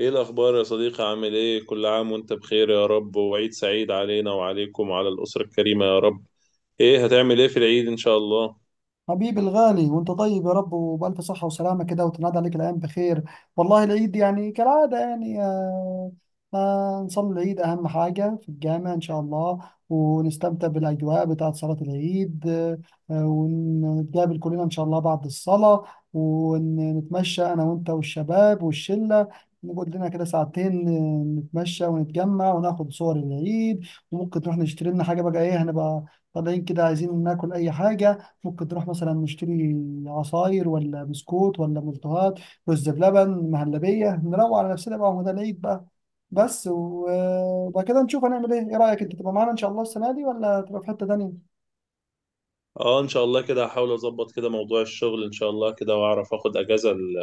ايه الاخبار يا صديقي؟ عامل ايه؟ كل عام وانت بخير يا رب، وعيد سعيد علينا وعليكم وعلى الاسره الكريمه يا رب. ايه هتعمل ايه في العيد ان شاء الله؟ حبيبي الغالي وانت طيب يا رب وبألف صحة وسلامة كده، وتنادى عليك الأيام بخير. والله العيد يعني كالعادة يعني نصلي العيد أهم حاجة في الجامع إن شاء الله. ونستمتع بالأجواء بتاعة صلاة العيد ونتقابل كلنا إن شاء الله بعد الصلاة. ونتمشى أنا وأنت والشباب والشلة، نقعد لنا كده ساعتين نتمشى ونتجمع وناخد صور العيد. وممكن نروح نشتري لنا حاجة بقى. إيه، هنبقى طالعين كده عايزين ناكل أي حاجة، ممكن نروح مثلا نشتري عصاير ولا بسكوت ولا ملتهات، رز بلبن، مهلبية، نروق على نفسنا بقى ومدى العيد بقى. بس و- وبعد كده نشوف هنعمل ايه. ايه رأيك انت تبقى معانا ان شاء الله السنة دي ولا تبقى في حتة تانية؟ اه ان شاء الله كده هحاول اظبط كده موضوع الشغل ان شاء الله كده، واعرف اخد اجازة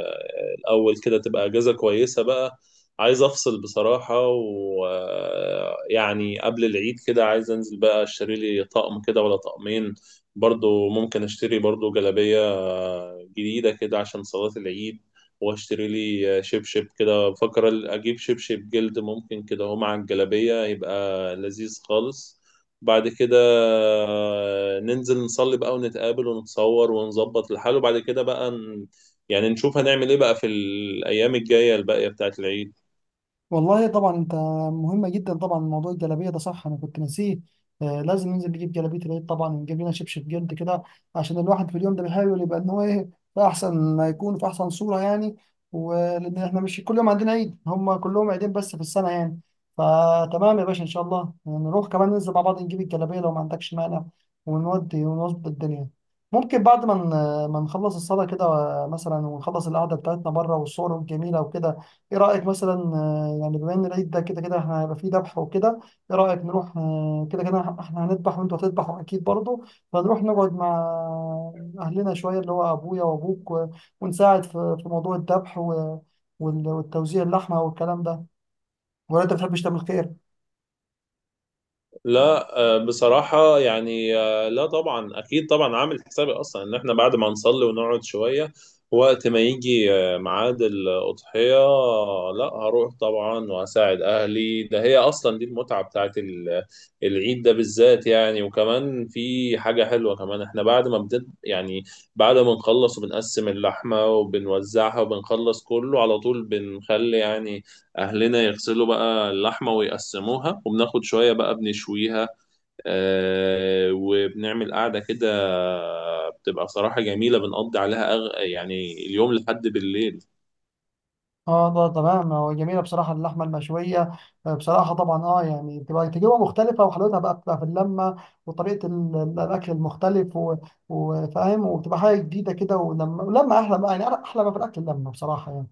الاول كده تبقى اجازة كويسة بقى. عايز افصل بصراحة، ويعني قبل العيد كده عايز انزل بقى اشتري لي طقم كده ولا طقمين. برضو ممكن اشتري برضو جلابية جديدة كده عشان صلاة العيد، واشتري لي شبشب كده، بفكر اجيب شبشب جلد ممكن كده، هو مع الجلابية يبقى لذيذ خالص. بعد كده ننزل نصلي بقى ونتقابل ونتصور ونظبط الحال، وبعد كده بقى نشوف هنعمل ايه بقى في الأيام الجاية الباقية بتاعت العيد. والله طبعا انت مهمة جدا. طبعا موضوع الجلابية ده صح، انا كنت ناسيه. آه، لازم ننزل نجيب جلابية العيد طبعا، ونجيب لنا شبشب جلد كده، عشان الواحد في اليوم ده بيحاول يبقى ان هو ايه في احسن ما يكون، في احسن صورة يعني. ولان احنا مش كل يوم عندنا عيد، هم كلهم عيدين بس في السنة يعني. فتمام يا باشا، ان شاء الله نروح كمان، ننزل مع بعض نجيب الجلابية لو ما عندكش مانع، ونودي ونظبط الدنيا. ممكن بعد ما ما نخلص الصلاة كده مثلا، ونخلص القعدة بتاعتنا بره والصور الجميلة وكده. ايه رأيك مثلا يعني بما ان العيد ده كده كده احنا هيبقى فيه ذبح وكده، ايه رأيك نروح كده كده احنا هنذبح وانتوا هتذبحوا اكيد برضه، فنروح نقعد مع اهلنا شوية، اللي هو ابويا وابوك ونساعد في موضوع الذبح والتوزيع اللحمة والكلام ده، ولا انت بتحبش تعمل خير؟ لا آه، بصراحة يعني آه، لا طبعا أكيد طبعا، عامل حسابي أصلا إن إحنا بعد ما نصلي ونقعد شوية، وقت ما يجي ميعاد الأضحية لا هروح طبعا وهساعد أهلي. ده هي أصلا دي المتعة بتاعت العيد ده بالذات يعني. وكمان في حاجة حلوة كمان، إحنا بعد ما نخلص وبنقسم اللحمة وبنوزعها وبنخلص كله على طول، بنخلي يعني أهلنا يغسلوا بقى اللحمة ويقسموها، وبناخد شوية بقى بنشويها وبنعمل قعدة كده، بتبقى بصراحة جميلة، بنقضي عليها يعني اليوم لحد بالليل. اه ده تمام، هو جميله بصراحه اللحمه المشويه. بصراحه طبعا اه يعني بتبقى تجربه مختلفه، وحلاوتها بقى بتبقى في اللمه وطريقه الاكل المختلف وفاهم، وبتبقى حاجه جديده كده، ولما احلى بقى يعني، احلى ما في الاكل اللمه بصراحه يعني.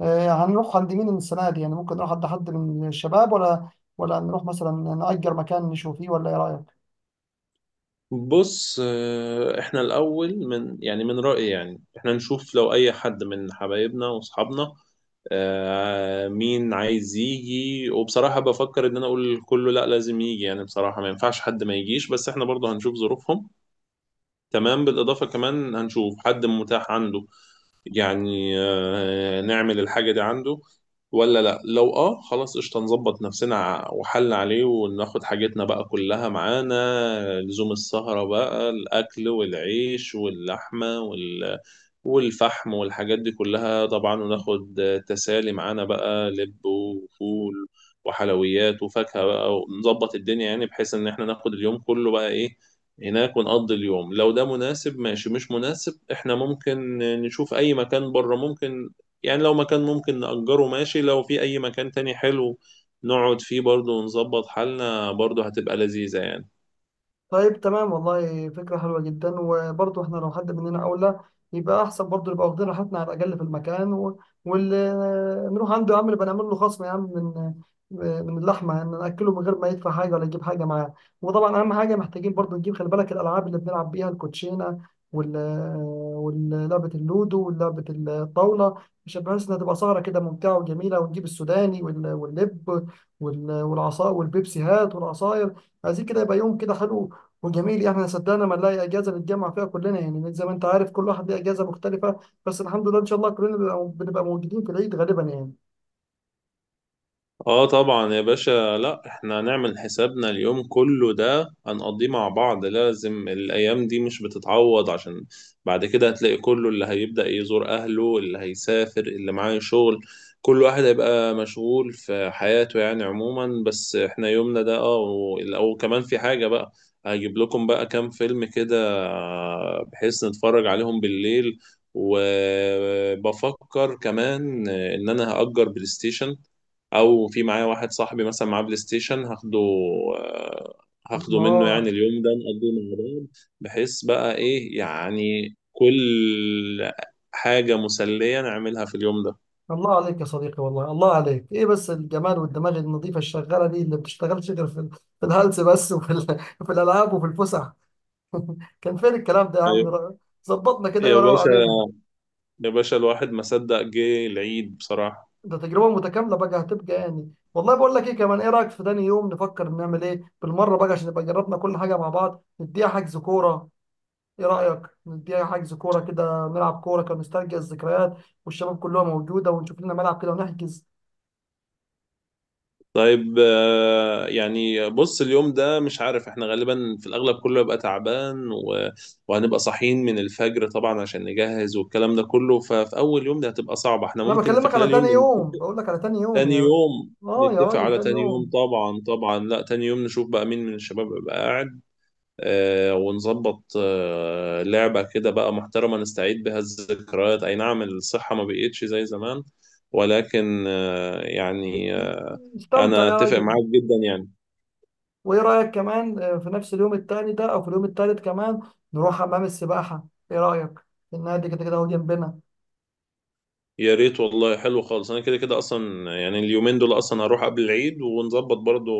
آه، هنروح عند مين السنه دي يعني؟ ممكن نروح عند حد من الشباب، ولا نروح مثلا نأجر مكان نشوف فيه، ولا ايه رايك؟ بص احنا الأول من يعني من رأيي يعني احنا نشوف لو أي حد من حبايبنا وأصحابنا مين عايز يجي، وبصراحة بفكر إن أنا أقول كله لأ لازم يجي، يعني بصراحة ما ينفعش حد ما يجيش، بس احنا برضه هنشوف ظروفهم. تمام، بالإضافة كمان هنشوف حد متاح عنده يعني نعمل الحاجة دي عنده ولا لا. لو اه خلاص قشطة نظبط نفسنا وحل عليه، وناخد حاجتنا بقى كلها معانا لزوم السهرة بقى، الأكل والعيش واللحمة والفحم والحاجات دي كلها طبعا، وناخد تسالي معانا بقى، لب وفول وحلويات وفاكهة بقى، ونظبط الدنيا، يعني بحيث ان احنا ناخد اليوم كله بقى ايه هناك ونقضي اليوم. لو ده مناسب ماشي، مش مناسب احنا ممكن نشوف اي مكان بره، ممكن يعني لو مكان ممكن نأجره ماشي، لو في اي مكان تاني حلو نقعد فيه برضه ونظبط حالنا، برضه هتبقى لذيذة يعني. طيب تمام، والله فكرة حلوة جدا. وبرضه احنا لو حد مننا أولى يبقى أحسن، برضه نبقى واخدين راحتنا على الأقل في المكان. و... واللي نروح عنده يا عم نبقى نعمل له خصم يا عم، من اللحمة يعني، نأكله من غير ما يدفع حاجة ولا يجيب حاجة معاه. وطبعا أهم حاجة محتاجين برضه نجيب، خلي بالك، الألعاب اللي بنلعب بيها: الكوتشينة وال ولعبة اللودو ولعبة الطاولة، عشان بحيث إنها تبقى سهرة كده ممتعة وجميلة. ونجيب السوداني واللب والعصا والبيبسيهات والعصاير. عايزين كده يبقى يوم كده حلو وجميل. احنا صدقنا ما نلاقي اجازه نتجمع فيها كلنا يعني، زي ما انت عارف كل واحد ليه اجازه مختلفه، بس الحمد لله ان شاء الله كلنا بنبقى موجودين في العيد غالبا يعني. اه طبعا يا باشا، لا احنا هنعمل حسابنا اليوم كله ده هنقضيه مع بعض، لازم. الايام دي مش بتتعوض، عشان بعد كده هتلاقي كله اللي هيبدأ يزور اهله، اللي هيسافر، اللي معاه شغل، كل واحد هيبقى مشغول في حياته يعني عموما. بس احنا يومنا ده اه. او كمان في حاجة بقى، هجيب لكم بقى كام فيلم كده بحيث نتفرج عليهم بالليل. وبفكر كمان ان انا هأجر بلاي ستيشن، او في معايا واحد صاحبي مثلا معاه بلاي ستيشن هاخده آه، هاخده منه، يعني الله اليوم ده نقضيه مع بعض، بحيث بقى ايه يعني كل حاجة مسلية نعملها في اليوم ده. الله عليك يا صديقي، والله الله عليك، ايه بس الجمال والدماغ النظيفه الشغاله دي، اللي بتشتغلش غير في الهلس بس، وفي في الالعاب وفي الفسح. كان فين الكلام ده يا عم أيوة. ظبطنا كده، ايه يا وروق باشا، علينا. يا باشا الواحد ما صدق جه العيد بصراحة. ده تجربه متكامله بقى هتبقى يعني. والله بقول لك ايه كمان، ايه رايك في تاني يوم نفكر نعمل ايه بالمره بقى، عشان نبقى جربنا كل حاجه مع بعض، نديها حجز كوره؟ ايه رأيك نديها حجز كورة كده نلعب كورة كنسترجع الذكريات، والشباب كلها موجودة، ونشوف لنا ملعب كده ونحجز. طيب يعني بص اليوم ده مش عارف، احنا غالبا في الأغلب كله يبقى تعبان و... وهنبقى صاحيين من الفجر طبعا عشان نجهز والكلام ده كله، ففي أول يوم ده هتبقى صعبة. احنا انا ممكن في بكلمك على خلال يوم، تاني يوم، بقول لك على تاني يوم تاني يا. يوم، اه يا نتفق راجل على تاني تاني يوم يوم، طبعا طبعا. لا تاني يوم نشوف بقى مين من الشباب يبقى قاعد، آه، ونظبط آه لعبة كده بقى محترمة نستعيد بها الذكريات. أي نعم الصحة ما بقيتش زي زمان، ولكن آه استمتع أنا يا أتفق راجل. معاك جدا يعني. وايه رأيك كمان في نفس اليوم التاني ده او في اليوم التالت كمان نروح حمام السباحة؟ ايه رأيك؟ النادي كده كده هو جنبنا. يا ريت والله، حلو خالص، انا كده كده اصلا يعني اليومين دول اصلا هروح قبل العيد ونظبط برضو.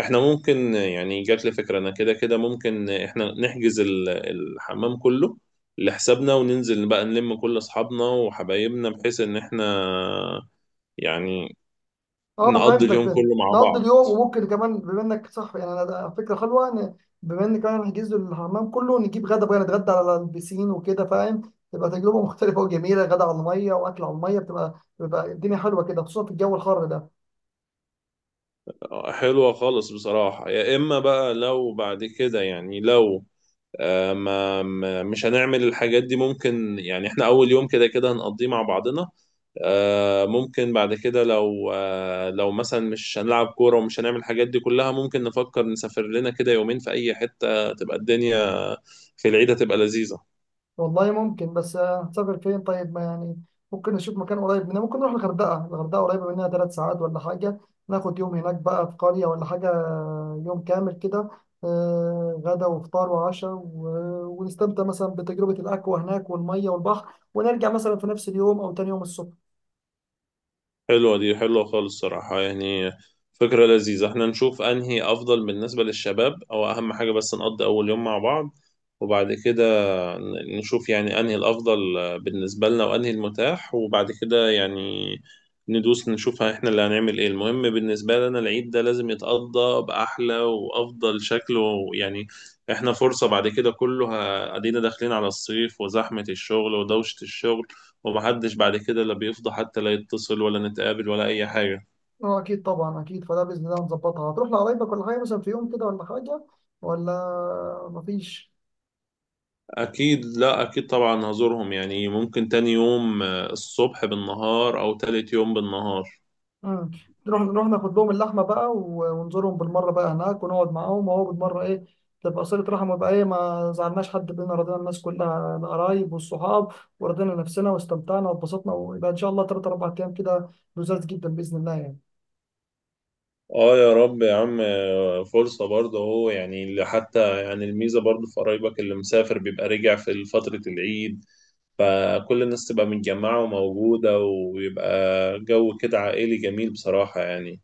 احنا ممكن يعني جات لي فكرة، انا كده كده ممكن احنا نحجز الحمام كله لحسابنا، وننزل بقى نلم كل اصحابنا وحبايبنا، بحيث ان احنا يعني اه نقضي فهمتك، اليوم فهمت. كله مع نقضي بعض. اليوم، وممكن كمان بما انك صح يعني، انا ده فكره حلوه، ان بما ان كمان نحجز له الحمام كله، نجيب غدا بقى نتغدى على البسين وكده، فاهم؟ تبقى تجربه مختلفه وجميله، غدا على الميه واكل على الميه، بتبقى بيبقى الدنيا حلوه كده، خصوصا في الجو الحر ده. حلوة خالص بصراحة. يا اما بقى لو بعد كده يعني، لو مش هنعمل الحاجات دي، ممكن يعني احنا اول يوم كده كده هنقضيه مع بعضنا، ممكن بعد كده لو لو مثلا مش هنلعب كورة ومش هنعمل الحاجات دي كلها، ممكن نفكر نسافر لنا كده يومين في اي حتة، تبقى الدنيا في العيد هتبقى لذيذة. والله ممكن، بس هنسافر فين؟ طيب، ما يعني ممكن نشوف مكان قريب مننا. ممكن نروح الغردقة، الغردقة قريبة مننا 3 ساعات ولا حاجة. ناخد يوم هناك بقى في قرية ولا حاجة، يوم كامل كده، غدا وفطار وعشاء ونستمتع مثلا بتجربة الأكوا هناك والمية والبحر، ونرجع مثلا في نفس اليوم أو تاني يوم الصبح. حلوة دي، حلوة خالص صراحة يعني، فكرة لذيذة. احنا نشوف انهي افضل بالنسبة للشباب، او اهم حاجة بس نقضي اول يوم مع بعض، وبعد كده نشوف يعني انهي الافضل بالنسبه لنا وانهي المتاح، وبعد كده يعني ندوس نشوف احنا اللي هنعمل ايه. المهم بالنسبه لنا العيد ده لازم يتقضى باحلى وافضل شكل، ويعني احنا فرصه بعد كده كله ادينا داخلين على الصيف وزحمه الشغل ودوشه الشغل، ومحدش بعد كده لا بيفضى حتى لا يتصل ولا نتقابل ولا اي حاجه. اه أكيد طبعا أكيد، فده بإذن الله هنظبطها. هتروح لقرايبك ولا حاجة مثلا في يوم كده ولا حاجة، ولا مفيش؟ اكيد، لا اكيد طبعا هزورهم، يعني ممكن تاني يوم الصبح بالنهار، او تالت يوم بالنهار. مم. نروح ناخد لهم اللحمه بقى ونزورهم بالمره بقى هناك، ونقعد معاهم، وهو بالمره ايه تبقى صله رحم، ويبقى ايه ما زعلناش حد بينا، رضينا الناس كلها القرايب والصحاب، ورضينا نفسنا واستمتعنا واتبسطنا، ويبقى ان شاء الله 3 4 ايام كده لذاذ جدا باذن الله يعني. اه يا رب يا عم. فرصة برضه اهو، يعني اللي حتى يعني الميزة برضه في قرايبك اللي مسافر بيبقى رجع في فترة العيد، فكل الناس تبقى متجمعة وموجودة، ويبقى جو كده عائلي جميل بصراحة يعني.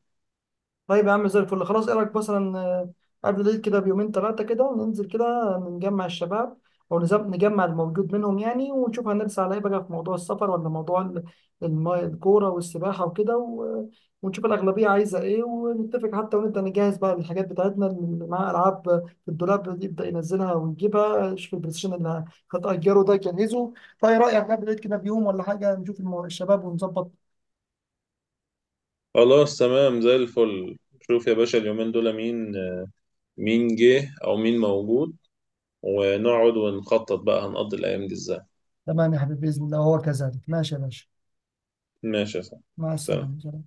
طيب يا عم زي الفل، خلاص. ايه رايك مثلا قبل العيد كده بيومين ثلاثه كده ننزل كده نجمع الشباب، او نجمع الموجود منهم يعني، ونشوف هنرسى على ايه بقى، في موضوع السفر ولا موضوع الكوره والسباحه وكده ونشوف الاغلبيه عايزه ايه ونتفق حتى، ونبدا نجهز بقى الحاجات بتاعتنا، اللي معاها العاب في الدولاب دي يبدا ينزلها ويجيبها، شوف البلاي ستيشن اللي هتأجره ده يجهزه. فايه رايك قبل العيد كده بيوم ولا حاجه نشوف الشباب ونظبط؟ خلاص تمام زي الفل. شوف يا باشا اليومين دول مين، مين جه او مين موجود، ونقعد ونخطط بقى هنقضي الايام دي ازاي. تمام يا حبيبي باذن الله، وهو كذلك. ماشي يا باشا. ماشي يا صاحبي. مع سلام. السلامه.